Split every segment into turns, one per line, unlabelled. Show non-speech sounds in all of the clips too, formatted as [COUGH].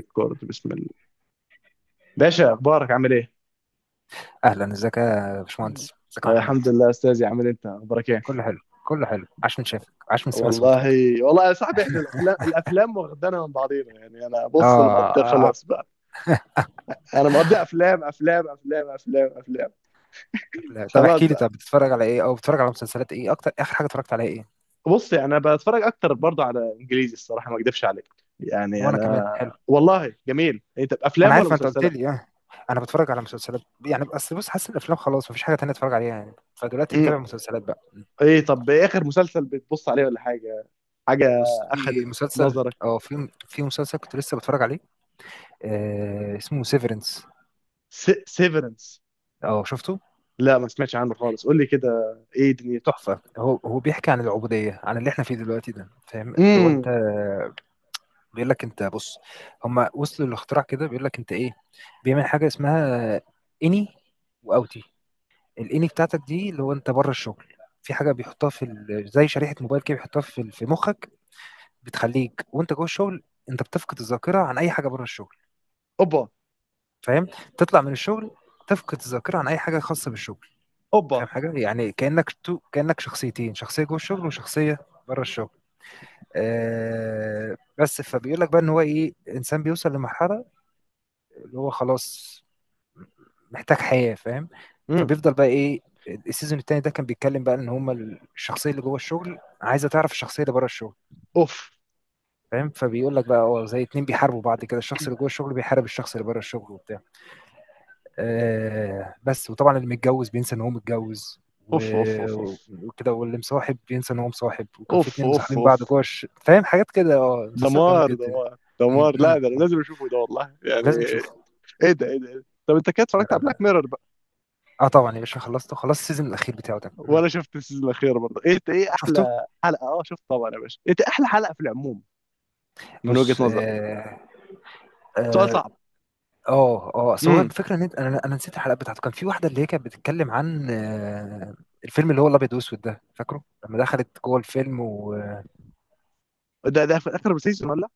ريكورد، بسم الله. باشا، اخبارك عامل ايه؟
اهلا، ازيك يا باشمهندس. ازيك يا
آه،
محمود.
الحمد لله يا استاذي. عامل انت اخبارك ايه؟
كله حلو، كله حلو. عاش من شافك، عاش من سمع
والله.
صوتك.
والله، يا صاحبي احنا الافلام واخدانا من بعضينا، يعني انا
اه،
بص، انا مقضي
آه. آه.
خلاص بقى. انا مقضي، افلام افلام افلام افلام افلام.
لا، طب
خلاص
احكي لي،
بقى.
طب بتتفرج على ايه؟ او بتتفرج على مسلسلات ايه اكتر؟ اخر حاجه اتفرجت عليها ايه؟
بص، يعني انا بتفرج اكتر برضه على انجليزي، الصراحه ما اكدبش عليك. يعني
وانا كمان،
انا.
حلو.
والله جميل، انت
ما انا
افلام ولا
عارف، ما انت قلت
مسلسلات؟
لي، اه. انا بتفرج على مسلسلات يعني، اصل بص، حاسس الافلام خلاص مفيش حاجه تانية اتفرج عليها يعني، فدلوقتي
مم.
متابع مسلسلات بقى.
ايه، طب اخر مسلسل بتبص عليه ولا حاجه، حاجه
بص، في
اخذت
مسلسل،
نظرك؟
في مسلسل كنت لسه بتفرج عليه. اسمه سيفرنس.
سيفرنس؟
اه، شفته.
لا ما سمعتش عنه خالص، قول لي كده، ايه دنيته؟
تحفه. هو بيحكي عن العبوديه، عن اللي احنا فيه دلوقتي ده، فاهم لو انت؟
امم
بيقول لك انت، بص، هم وصلوا للاختراع كده، بيقول لك انت ايه، بيعمل حاجه اسمها اني واوتي. الاني بتاعتك دي اللي هو انت بره الشغل. في حاجه بيحطها زي شريحه موبايل كده، بيحطها في مخك. بتخليك وانت جوه الشغل، انت بتفقد الذاكره عن اي حاجه بره الشغل،
اوبا.
فاهم؟ تطلع من الشغل، تفقد الذاكره عن اي حاجه خاصه بالشغل، فاهم
اوبا.
حاجه؟ يعني كانك شخصيتين، شخصيه جوه الشغل وشخصيه بره الشغل. بس فبيقول لك بقى، ان هو ايه، انسان بيوصل لمرحله اللي هو خلاص محتاج حياه، فاهم.
امم
فبيفضل بقى ايه، السيزون التاني ده كان بيتكلم بقى، ان هما الشخصيه اللي جوه الشغل عايزه تعرف الشخصيه اللي بره الشغل،
اوف
فاهم. فبيقول لك بقى، زي اتنين بيحاربوا بعض كده، الشخص اللي جوه الشغل بيحارب الشخص اللي بره الشغل، وبتاع. بس، وطبعا اللي متجوز بينسى ان هو متجوز،
اوف اوف اوف. اوف
و- وكده، واللي مصاحب بينسى ان هو مصاحب. وكان في
اوف
اتنين
اوف
مصاحبين
اوف.
بعض فاهم حاجات كده. اه مسلسل جامد
دمار
جدا
دمار
م-
دمار. لا
م-
ده أنا
م.
لازم اشوفه، ده والله يعني.
لازم تشوفه.
ايه ده، ايه ده، إيه ده؟ طب انت كده
لا-
اتفرجت
لا-
على بلاك
لا.
ميرور بقى؟
اه، طبعا يا باشا، خلصته، خلصت السيزون الاخير بتاعه ده.
ولا شفت السيزون الاخير برضه؟ ايه، ايه
شفته.
احلى حلقه؟ اه شفت طبعا يا باشا. انت احلى حلقه في العموم من وجهة
بص،
نظرك؟ سؤال
اه
صعب.
اصل هو
امم
الفكره ان انا نسيت الحلقه بتاعته. كان في واحده اللي هي كانت بتتكلم عن الفيلم اللي هو الابيض واسود ده، فاكره لما دخلت جوه الفيلم و
ده ده في اخر سيزون ولا؟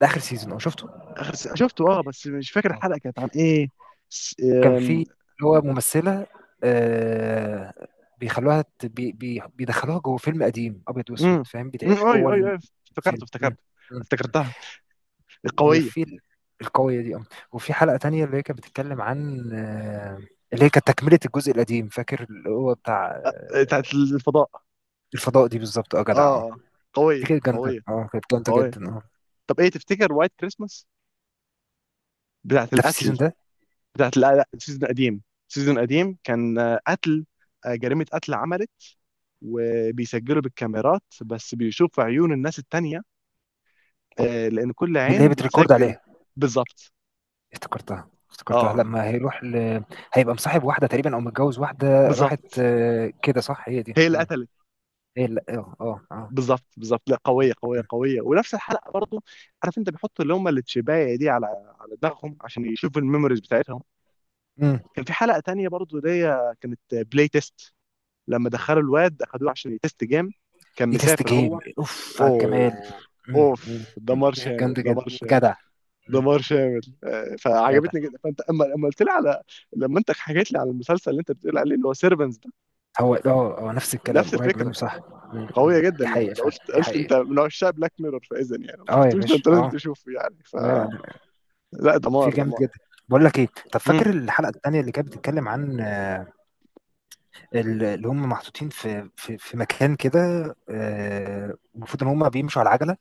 ده اخر سيزون، اه، شفته.
اخر سيزون شفته اه، بس مش فاكر
اه
الحلقه كانت عن ايه. س...
كان في
آم،
اللي هو ممثله آه، بيخلوها ت- بي بي بيدخلوها جوه فيلم قديم ابيض واسود،
امم.
فاهم، بتعيش
اي
جوه
اي اي. افتكرت
الفيلم م-
افتكرت
م- م.
افتكرتها، القويه.
وفي القوية دي، وفي حلقة تانية اللي هي كانت بتتكلم عن اللي هي كانت تكملة الجزء القديم، فاكر، اللي هو بتاع
آه، بتاعت الفضاء.
الفضاء دي، بالظبط
اه.
جدع
اه.
دي
قويه
كانت جامدة
قويه
كانت جامدة
قويه.
جدا
طب ايه تفتكر وايت كريسماس بتاعت
ده في
القتل؟
السيزون ده.
بتاعت، لا لا، سيزون قديم. سيزون قديم، كان قتل، جريمه قتل عملت، وبيسجلوا بالكاميرات، بس بيشوفوا عيون الناس التانية، لان كل
اللي هي
عين
بتريكورد
بتسجل.
عليها.
بالظبط.
افتكرتها،
اه
افتكرتها لما هيبقى مصاحب واحدة تقريبا، او متجوز واحدة، راحت
بالظبط.
آه، كده صح، هي دي
هي اللي
مم.
قتلت.
هي، لا، اه، اه، اه
بالظبط بالظبط. لا
مم.
قويه قويه قويه. ونفس الحلقه برضو عارف، انت بيحطوا اللي هم التشبايه دي على على دماغهم عشان يشوفوا الميموريز بتاعتهم.
مم.
كان في حلقه تانية برضو دي، كانت بلاي تيست، لما دخلوا الواد اخدوه عشان يتست جيم، كان
دي تيست
مسافر
جيم
هو.
اوف على الجمال
اوه.
مم. مم.
اوف، دمار
دي
شامل،
كانت جامدة جدا.
دمار شامل،
جدع مم.
دمار شامل.
جدع.
فعجبتني جدا. فانت اما قلت لي على، لما انت حكيت لي على المسلسل اللي انت بتقول عليه اللي هو سيرفنس ده،
هو نفس الكلام،
نفس
قريب منه،
الفكره،
صح؟ إمم،
قويه
إمم،
جدا
دي
يعني.
حقيقة
لو
فعلًا،
قلت،
دي
قلت انت
حقيقة.
من عشاق بلاك ميرور، فاذا يعني لو ما
آه يا
شفتوش ده،
باشا،
انت لازم
آه.
تشوفه يعني. ف،
لا، لا، لأ.
لا
في
دمار
جامد
دمار.
جدًا. باقول لك إيه، طَب،
مم.
فاكر الحلقة التانية اللي كانت بتتكلم عن اللي هم محطوطين في مكان كده. المفروض إن هم بيمشوا على العَجَلة،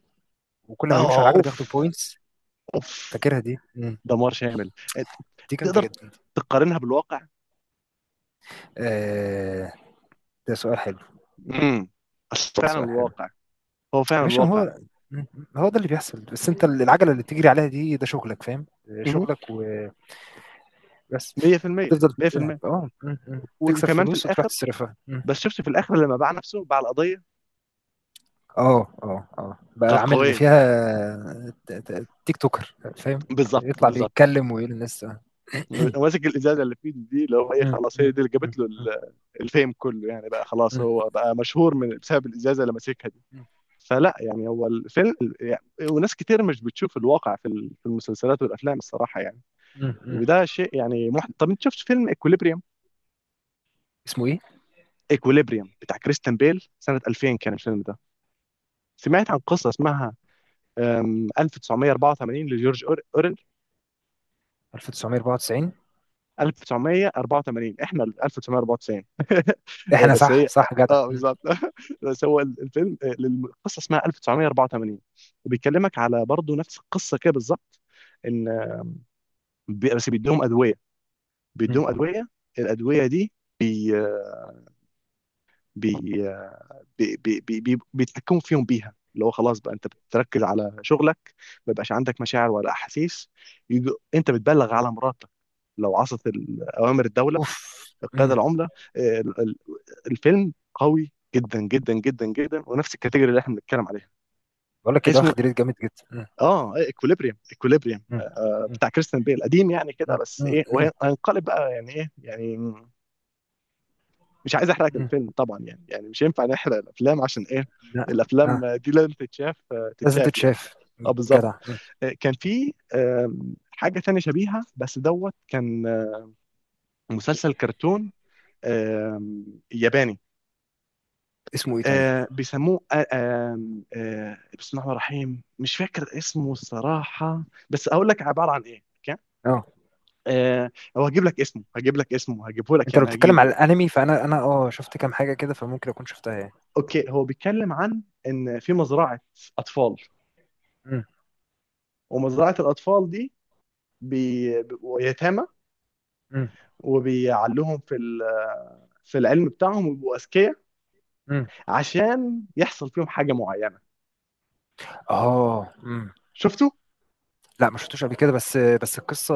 وكل ما بيمشوا على
اه
العَجَلة بياخدوا
اوف
points.
اوف،
فاكرها دي؟
دمار شامل. ت-
دي جامدة
تقدر
جدًا.
تقارنها بالواقع؟
آآ، ده سؤال حلو،
امم اصل
ده
فعلا
سؤال حلو.
الواقع، هو
يا
فعلا
باشا، ما
الواقع
هو، إمم، إمم، هو ده اللي بيحصل، بس أنت العَجَلة اللي بتجري عليها دي، ده شغلك، فاهم،
مهم.
شغلك، و بس
100%.
تفضل ت-
100%.
اه م- م. تكسب
وكمان في
فلوس، وتروح
الاخر،
تصرفها.
ده الشفت في الاخر لما باع نفسه، باع القضيه.
اه، اه، اه، بقى
كانت
عامل
قويه.
فيها تيك توكر، فاهم.
بالظبط
يطلع
بالظبط.
بيتكلم ويقول للناس. [CLEARS THROAT]
ماسك الازازه اللي في ايده دي، اللي هو ايه،
م-
خلاص
م-
هي دي اللي
م-
جابت له
م-
الفيم كله يعني. بقى خلاص
م-
هو بقى مشهور من بسبب الازازه اللي ماسكها دي.
م-
فلا يعني، هو الفيلم يعني. وناس كتير مش بتشوف الواقع في في المسلسلات والافلام، الصراحه يعني.
م- م.
وده شيء يعني طب انت شفت فيلم اكوليبريم؟
اسمه ايه؟
اكوليبريم بتاع كريستن بيل، سنه 2000 كان الفيلم ده. سمعت عن قصه اسمها 1984 لجورج اورل؟
1994.
1984، احنا ال 1994 [LAUGHS]
احنا،
بس هي،
صح، صح، جدع
اه
م.
بالظبط [LAUGHS] بس هو الفيلم، القصه اسمها 1984، وبيكلمك على برضه نفس القصه كده بالظبط. ان، بس بيديهم ادويه،
م.
بيديهم ادويه، الادويه دي بي بي بي بي بي بي بيتحكموا فيهم بيها، اللي هو خلاص بقى انت بتركز على شغلك، ما يبقاش عندك مشاعر ولا احاسيس، يجي انت بتبلغ على مراتك لو عصت اوامر الدوله،
اوف
القيادة
م.
العملة. آه، ال- ال- الفيلم قوي جدا جدا جدا جدا، ونفس الكاتيجوري اللي احنا بنتكلم عليها.
بقول لك كده،
اسمه
واخد ريت جامد جدا.
اه، اكوليبريم، اكوليبريم
م.
بتاع كريستيان بيل، قديم يعني كده.
م.
بس
م.
ايه،
م.
وهنقلب بقى يعني، ايه يعني، مش عايز احرق
م.
الفيلم طبعا يعني. يعني مش ينفع نحرق الافلام، عشان ايه،
لا، آه.
الافلام دي لازم تتشاف،
لازم
تتشاف يعني.
تتشاف.
اه بالظبط.
جدع.
آه، كان في آم، حاجة تانية شبيهة بس دوت. كان مسلسل كرتون، آم، ياباني.
اسمه ايه طيب،
بيسموه، بسم الله الرحمن الرحيم، مش فاكر اسمه الصراحة، بس أقول لك عبارة عن إيه أوكي.
اه؟
آه هو هجيب لك اسمه، هجيب لك اسمه، هجيبه لك
انت لو
يعني،
بتتكلم
هجيبه
على
يعني.
الانمي، فانا انا اه شفت كام حاجه كده، فممكن اكون شفتها يعني.
أوكي، هو بيتكلم عن إن في مزرعة أطفال،
امم.
ومزرعة الأطفال دي، بيبقوا يتامى،
امم.
وبيعلوهم في في العلم بتاعهم ويبقوا أذكياء،
امم.
عشان يحصل فيهم حاجة معينة.
اه. امم.
شفتوا؟
لا، ما شفتوش قبل كده، بس القصه،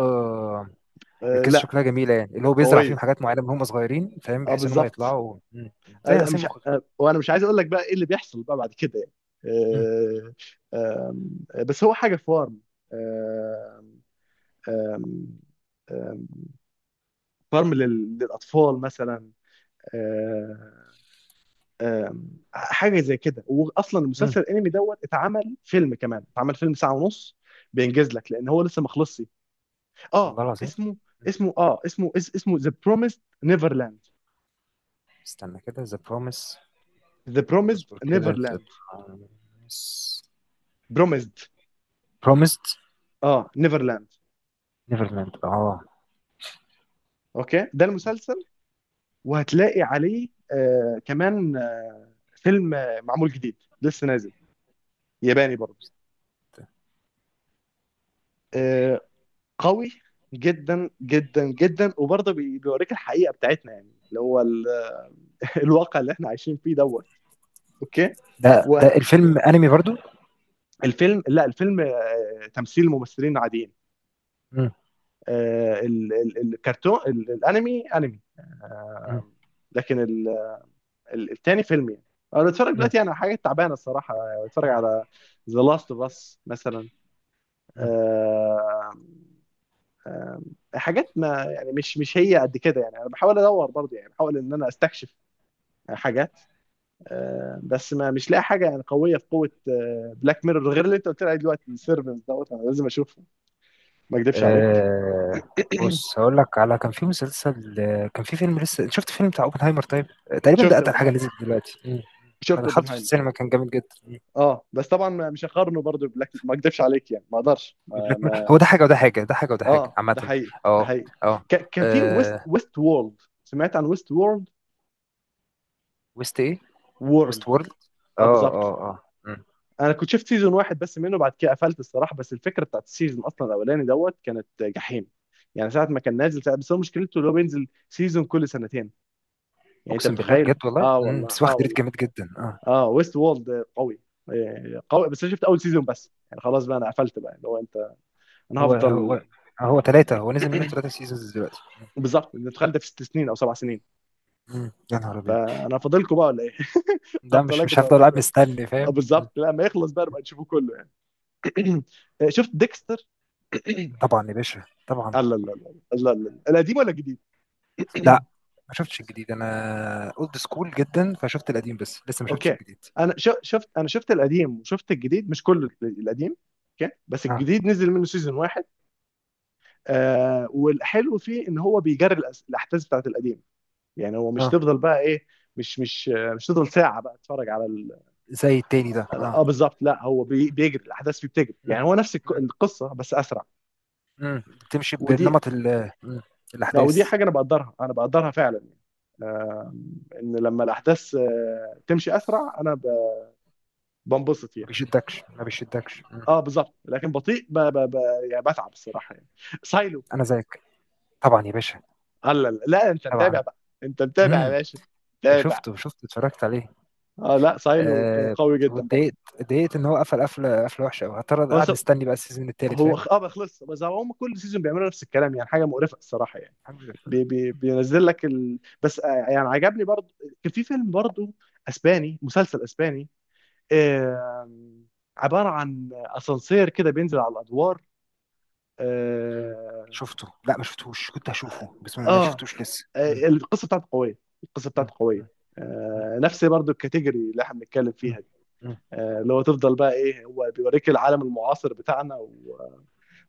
آه
القصه
لا،
شكلها جميله يعني، اللي هو بيزرع فيهم
قوية،
حاجات معينه من هم صغيرين، فاهم،
اه
بحيث ان هم
بالظبط.
يطلعوا. زي
انا
غسيل
مش
مخ كده.
ع- وانا مش عايز اقول لك بقى ايه اللي بيحصل بقى بعد كده يعني.
امم.
آه، آم، بس هو حاجه فارم، آم، آم، آم، فارم للاطفال مثلا. آه، آم، حاجه زي كده. واصلا المسلسل
امم.
الانمي دوت، اتعمل فيلم كمان، اتعمل فيلم ساعه ونص، بينجز لك لان هو لسه ما خلصش. اه
والله العظيم
اسمه،
مم.
اسمه ذا بروميسد نيفرلاند.
استنى كده، ذا بروميس.
ذا بروميسد
اصبر كده، ذا
نيفرلاند.
بروميس.
بروميسد،
بروميسد
اه، نيفرلاند.
نيفرلاند، اه.
اوكي، ده المسلسل. وهتلاقي عليه آه كمان فيلم، معمول جديد، لسه نازل، ياباني برضه. آه، قوي جدا جدا جدا، وبرضه بيوريك الحقيقة بتاعتنا يعني، اللي هو [LAUGHS] الواقع اللي احنا عايشين فيه دوت. اوكي.
ده الفيلم انمي برضو؟
والفيلم لا الفيلم تمثيل، ممثلين عاديين.
امم.
آه الكرتون، الانمي انمي آه، لكن التاني فيلم يعني. انا بتفرج
امم.
دلوقتي على حاجات تعبانه الصراحه، بتفرج على ذا لاست اوف اس مثلا.
امم.
آه، آه حاجات، ما يعني، مش هي قد كده يعني. انا بحاول ادور برضه، يعني بحاول ان انا استكشف حاجات، بس، ما مش لاقي حاجه يعني قويه في قوه بلاك ميرور، غير اللي انت قلت لي عليه دلوقتي، السيرفنس دوت، انا لازم اشوفه، ما اكذبش عليك.
آه. بص،
[CLEARS THROAT]
هقول لك على، كان في مسلسل كان في فيلم. لسه شفت فيلم بتاع اوبنهايمر؟ طيب. تقريبا
شفت
ده اتقل حاجه
اوبنهايمر،
نزلت دلوقتي. انا
شفت
دخلت في
اوبنهايمر.
السينما، كان جامد جدا.
اه بس طبعا، مش هقارنه برضه ببلاك، ما اكذبش عليك يعني. ما اقدرش، ما ما
هو ده حاجه وده حاجه، ده حاجه وده حاجه
اه، ده
عامه.
حقيقي، ده
اه.
حقيقي.
اه.
كان في ويست
آه،
ويست وورلد، سمعت عن ويست وورلد؟
ويست ايه؟
وورلد.
ويست وورلد
اه
اه
بالظبط.
اه اه مم.
انا كنت شفت سيزون واحد بس منه، بعد كده قفلت الصراحه. بس الفكره بتاعت السيزون اصلا الاولاني دوت كانت جحيم يعني ساعه ما كان نازل ساعة. بس هو مشكلته اللي هو بينزل سيزون كل سنتين، يعني انت
اقسم بالله،
متخيل؟
بجد والله
اه
مم،
والله،
بس
اه
واخد ريت
والله.
جامد جدا
اه ويست وولد قوي، قوي. بس انا شفت اول سيزون بس، يعني خلاص بقى، انا قفلت بقى اللي هو انت، انا
هو
هفضل.
هو هو ثلاثه، هو نزل منه ثلاثه سيزونز دلوقتي.
بالظبط، انت متخيل، ده في ست سنين او سبع سنين؟
يا نهار ابيض.
انا فاضلكم بقى ولا ايه؟ [LAUGHS]
ده
هفضل
مش
اجري
هفضل
وراك
قاعد
ولا؟
مستني، فاهم.
بالظبط. لا ما يخلص بقى نبقى نشوفه كله يعني. [CLEARS THROAT] شفت ديكستر؟ [CLEARS THROAT]
طبعا يا باشا، طبعا.
لا لا لا، لا لا لا، القديم ولا الجديد؟ [CLEARS THROAT]
لا، ما شفتش الجديد، انا اولد سكول جدا، فشفت القديم بس لسه ما شفتش
اوكي.
الجديد.
انا شفت القديم، وشفت الجديد مش كله القديم. اوكي، بس
اه،
الجديد نزل منه سيزون واحد. والحلو فيه، ان هو بيجري الاحداث بتاعت القديم، يعني هو مش
اه،
تفضل بقى ايه، مش تفضل ساعه بقى تتفرج
زي التاني ده،
اه
اه.
بالظبط. لا هو بيجري الاحداث فيه، بتجري
مم.
يعني. هو نفس
مم.
القصه بس اسرع.
بتمشي
ودي،
بنمط.
ودي
الاحداث،
حاجه انا بقدرها، انا بقدرها فعلا يعني. آه ان لما الاحداث تمشي اسرع، بنبسط
ما
يعني.
بيشدكش، ما بيشدكش.
اه بالظبط. لكن بطيء، يعني بتعب الصراحه يعني. سايلو.
انا زيك، طبعا يا باشا،
لا لا لا، انت
طبعا.
متابع بقى؟ انت متابع يا
امم.
باشا؟ متابع.
شفته، شفته، اتفرجت عليه.
اه، لا سايلو كان
آه
قوي جدا برضه.
واتضايقت، اتضايقت ان هو قفل قفله، قفله وحشه قوي. هضطر
هو س...
قاعد مستني بقى السيزون التالت،
هو
فاهم.
خ- اه بقى خلص، بس هم كل سيزون بيعملوا نفس الكلام، يعني حاجه مقرفه الصراحه يعني.
الحمد لله.
بينزل لك بس آه يعني عجبني برضه. كان في فيلم برضه اسباني، مسلسل اسباني، آه... عباره عن اسانسير كده بينزل على الادوار، آه،
شفته؟ لا، ما شفتهوش، كنت هشوفه بس ما
اه.
شفتوش لسه مم.
القصه بتاعته قويه، القصه
مم.
بتاعته قويه.
مم.
آه، نفس برضو الكاتيجوري اللي احنا بنتكلم
مم.
فيها دي.
مم.
اللي هو تفضل بقى ايه، هو بيوريك العالم المعاصر بتاعنا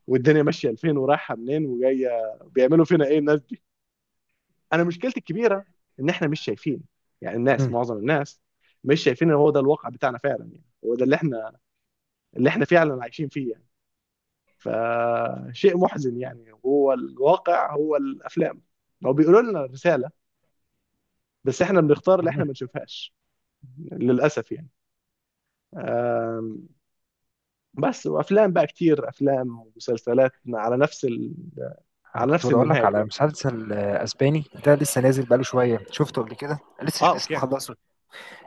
والدنيا ماشيه لفين، ورايحه منين، وجايه بيعملوا فينا ايه الناس دي. انا مشكلتي الكبيره، ان احنا مش شايفين، يعني الناس
مم.
معظم الناس مش شايفين ان هو ده الواقع بتاعنا فعلا يعني. هو ده اللي احنا، اللي احنا فعلا عايشين فيه يعني. فشيء محزن يعني، هو الواقع هو الافلام، هو بيقولوا لنا رساله، بس احنا بنختار اللي احنا
مم.
ما نشوفهاش للاسف يعني. آم، بس وافلام بقى كتير، افلام ومسلسلات على نفس
انا
على
كنت
نفس
بقول لك
المنهاج
على
يعني.
مسلسل اسباني، ده لسه نازل بقاله شويه، شفته قبل كده، لسه
اه
مش، لسه
اوكي.
مخلصه.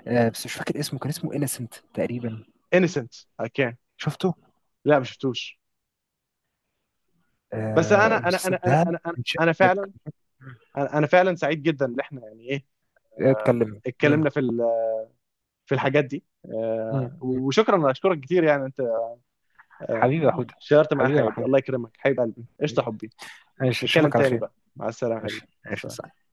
بس مش فاكر اسمه، كان اسمه انسنت تقريبا.
انيسنت. اوكي.
شفته؟
لا ما شفتوش. بس انا انا انا
المسلسل
انا
ده.
انا انا
من
أنا
شدك
فعلا،
مم.
أنا فعلا سعيد جدا ان احنا يعني ايه،
اتكلم
اتكلمنا في في الحاجات دي،
مم. مم.
وشكرا، اشكرك كتير يعني. انت
حبيبي يا حوت.
شاركت معايا
حبيبي يا
الحاجات دي،
محمود.
الله يكرمك، حبيب قلبي، قشطه، حبي.
ماشي،
نتكلم
اشوفك على
تاني
خير.
بقى. مع السلامه حبيبي،
ماشي،
مع
ماشي،
السلامه.
صح.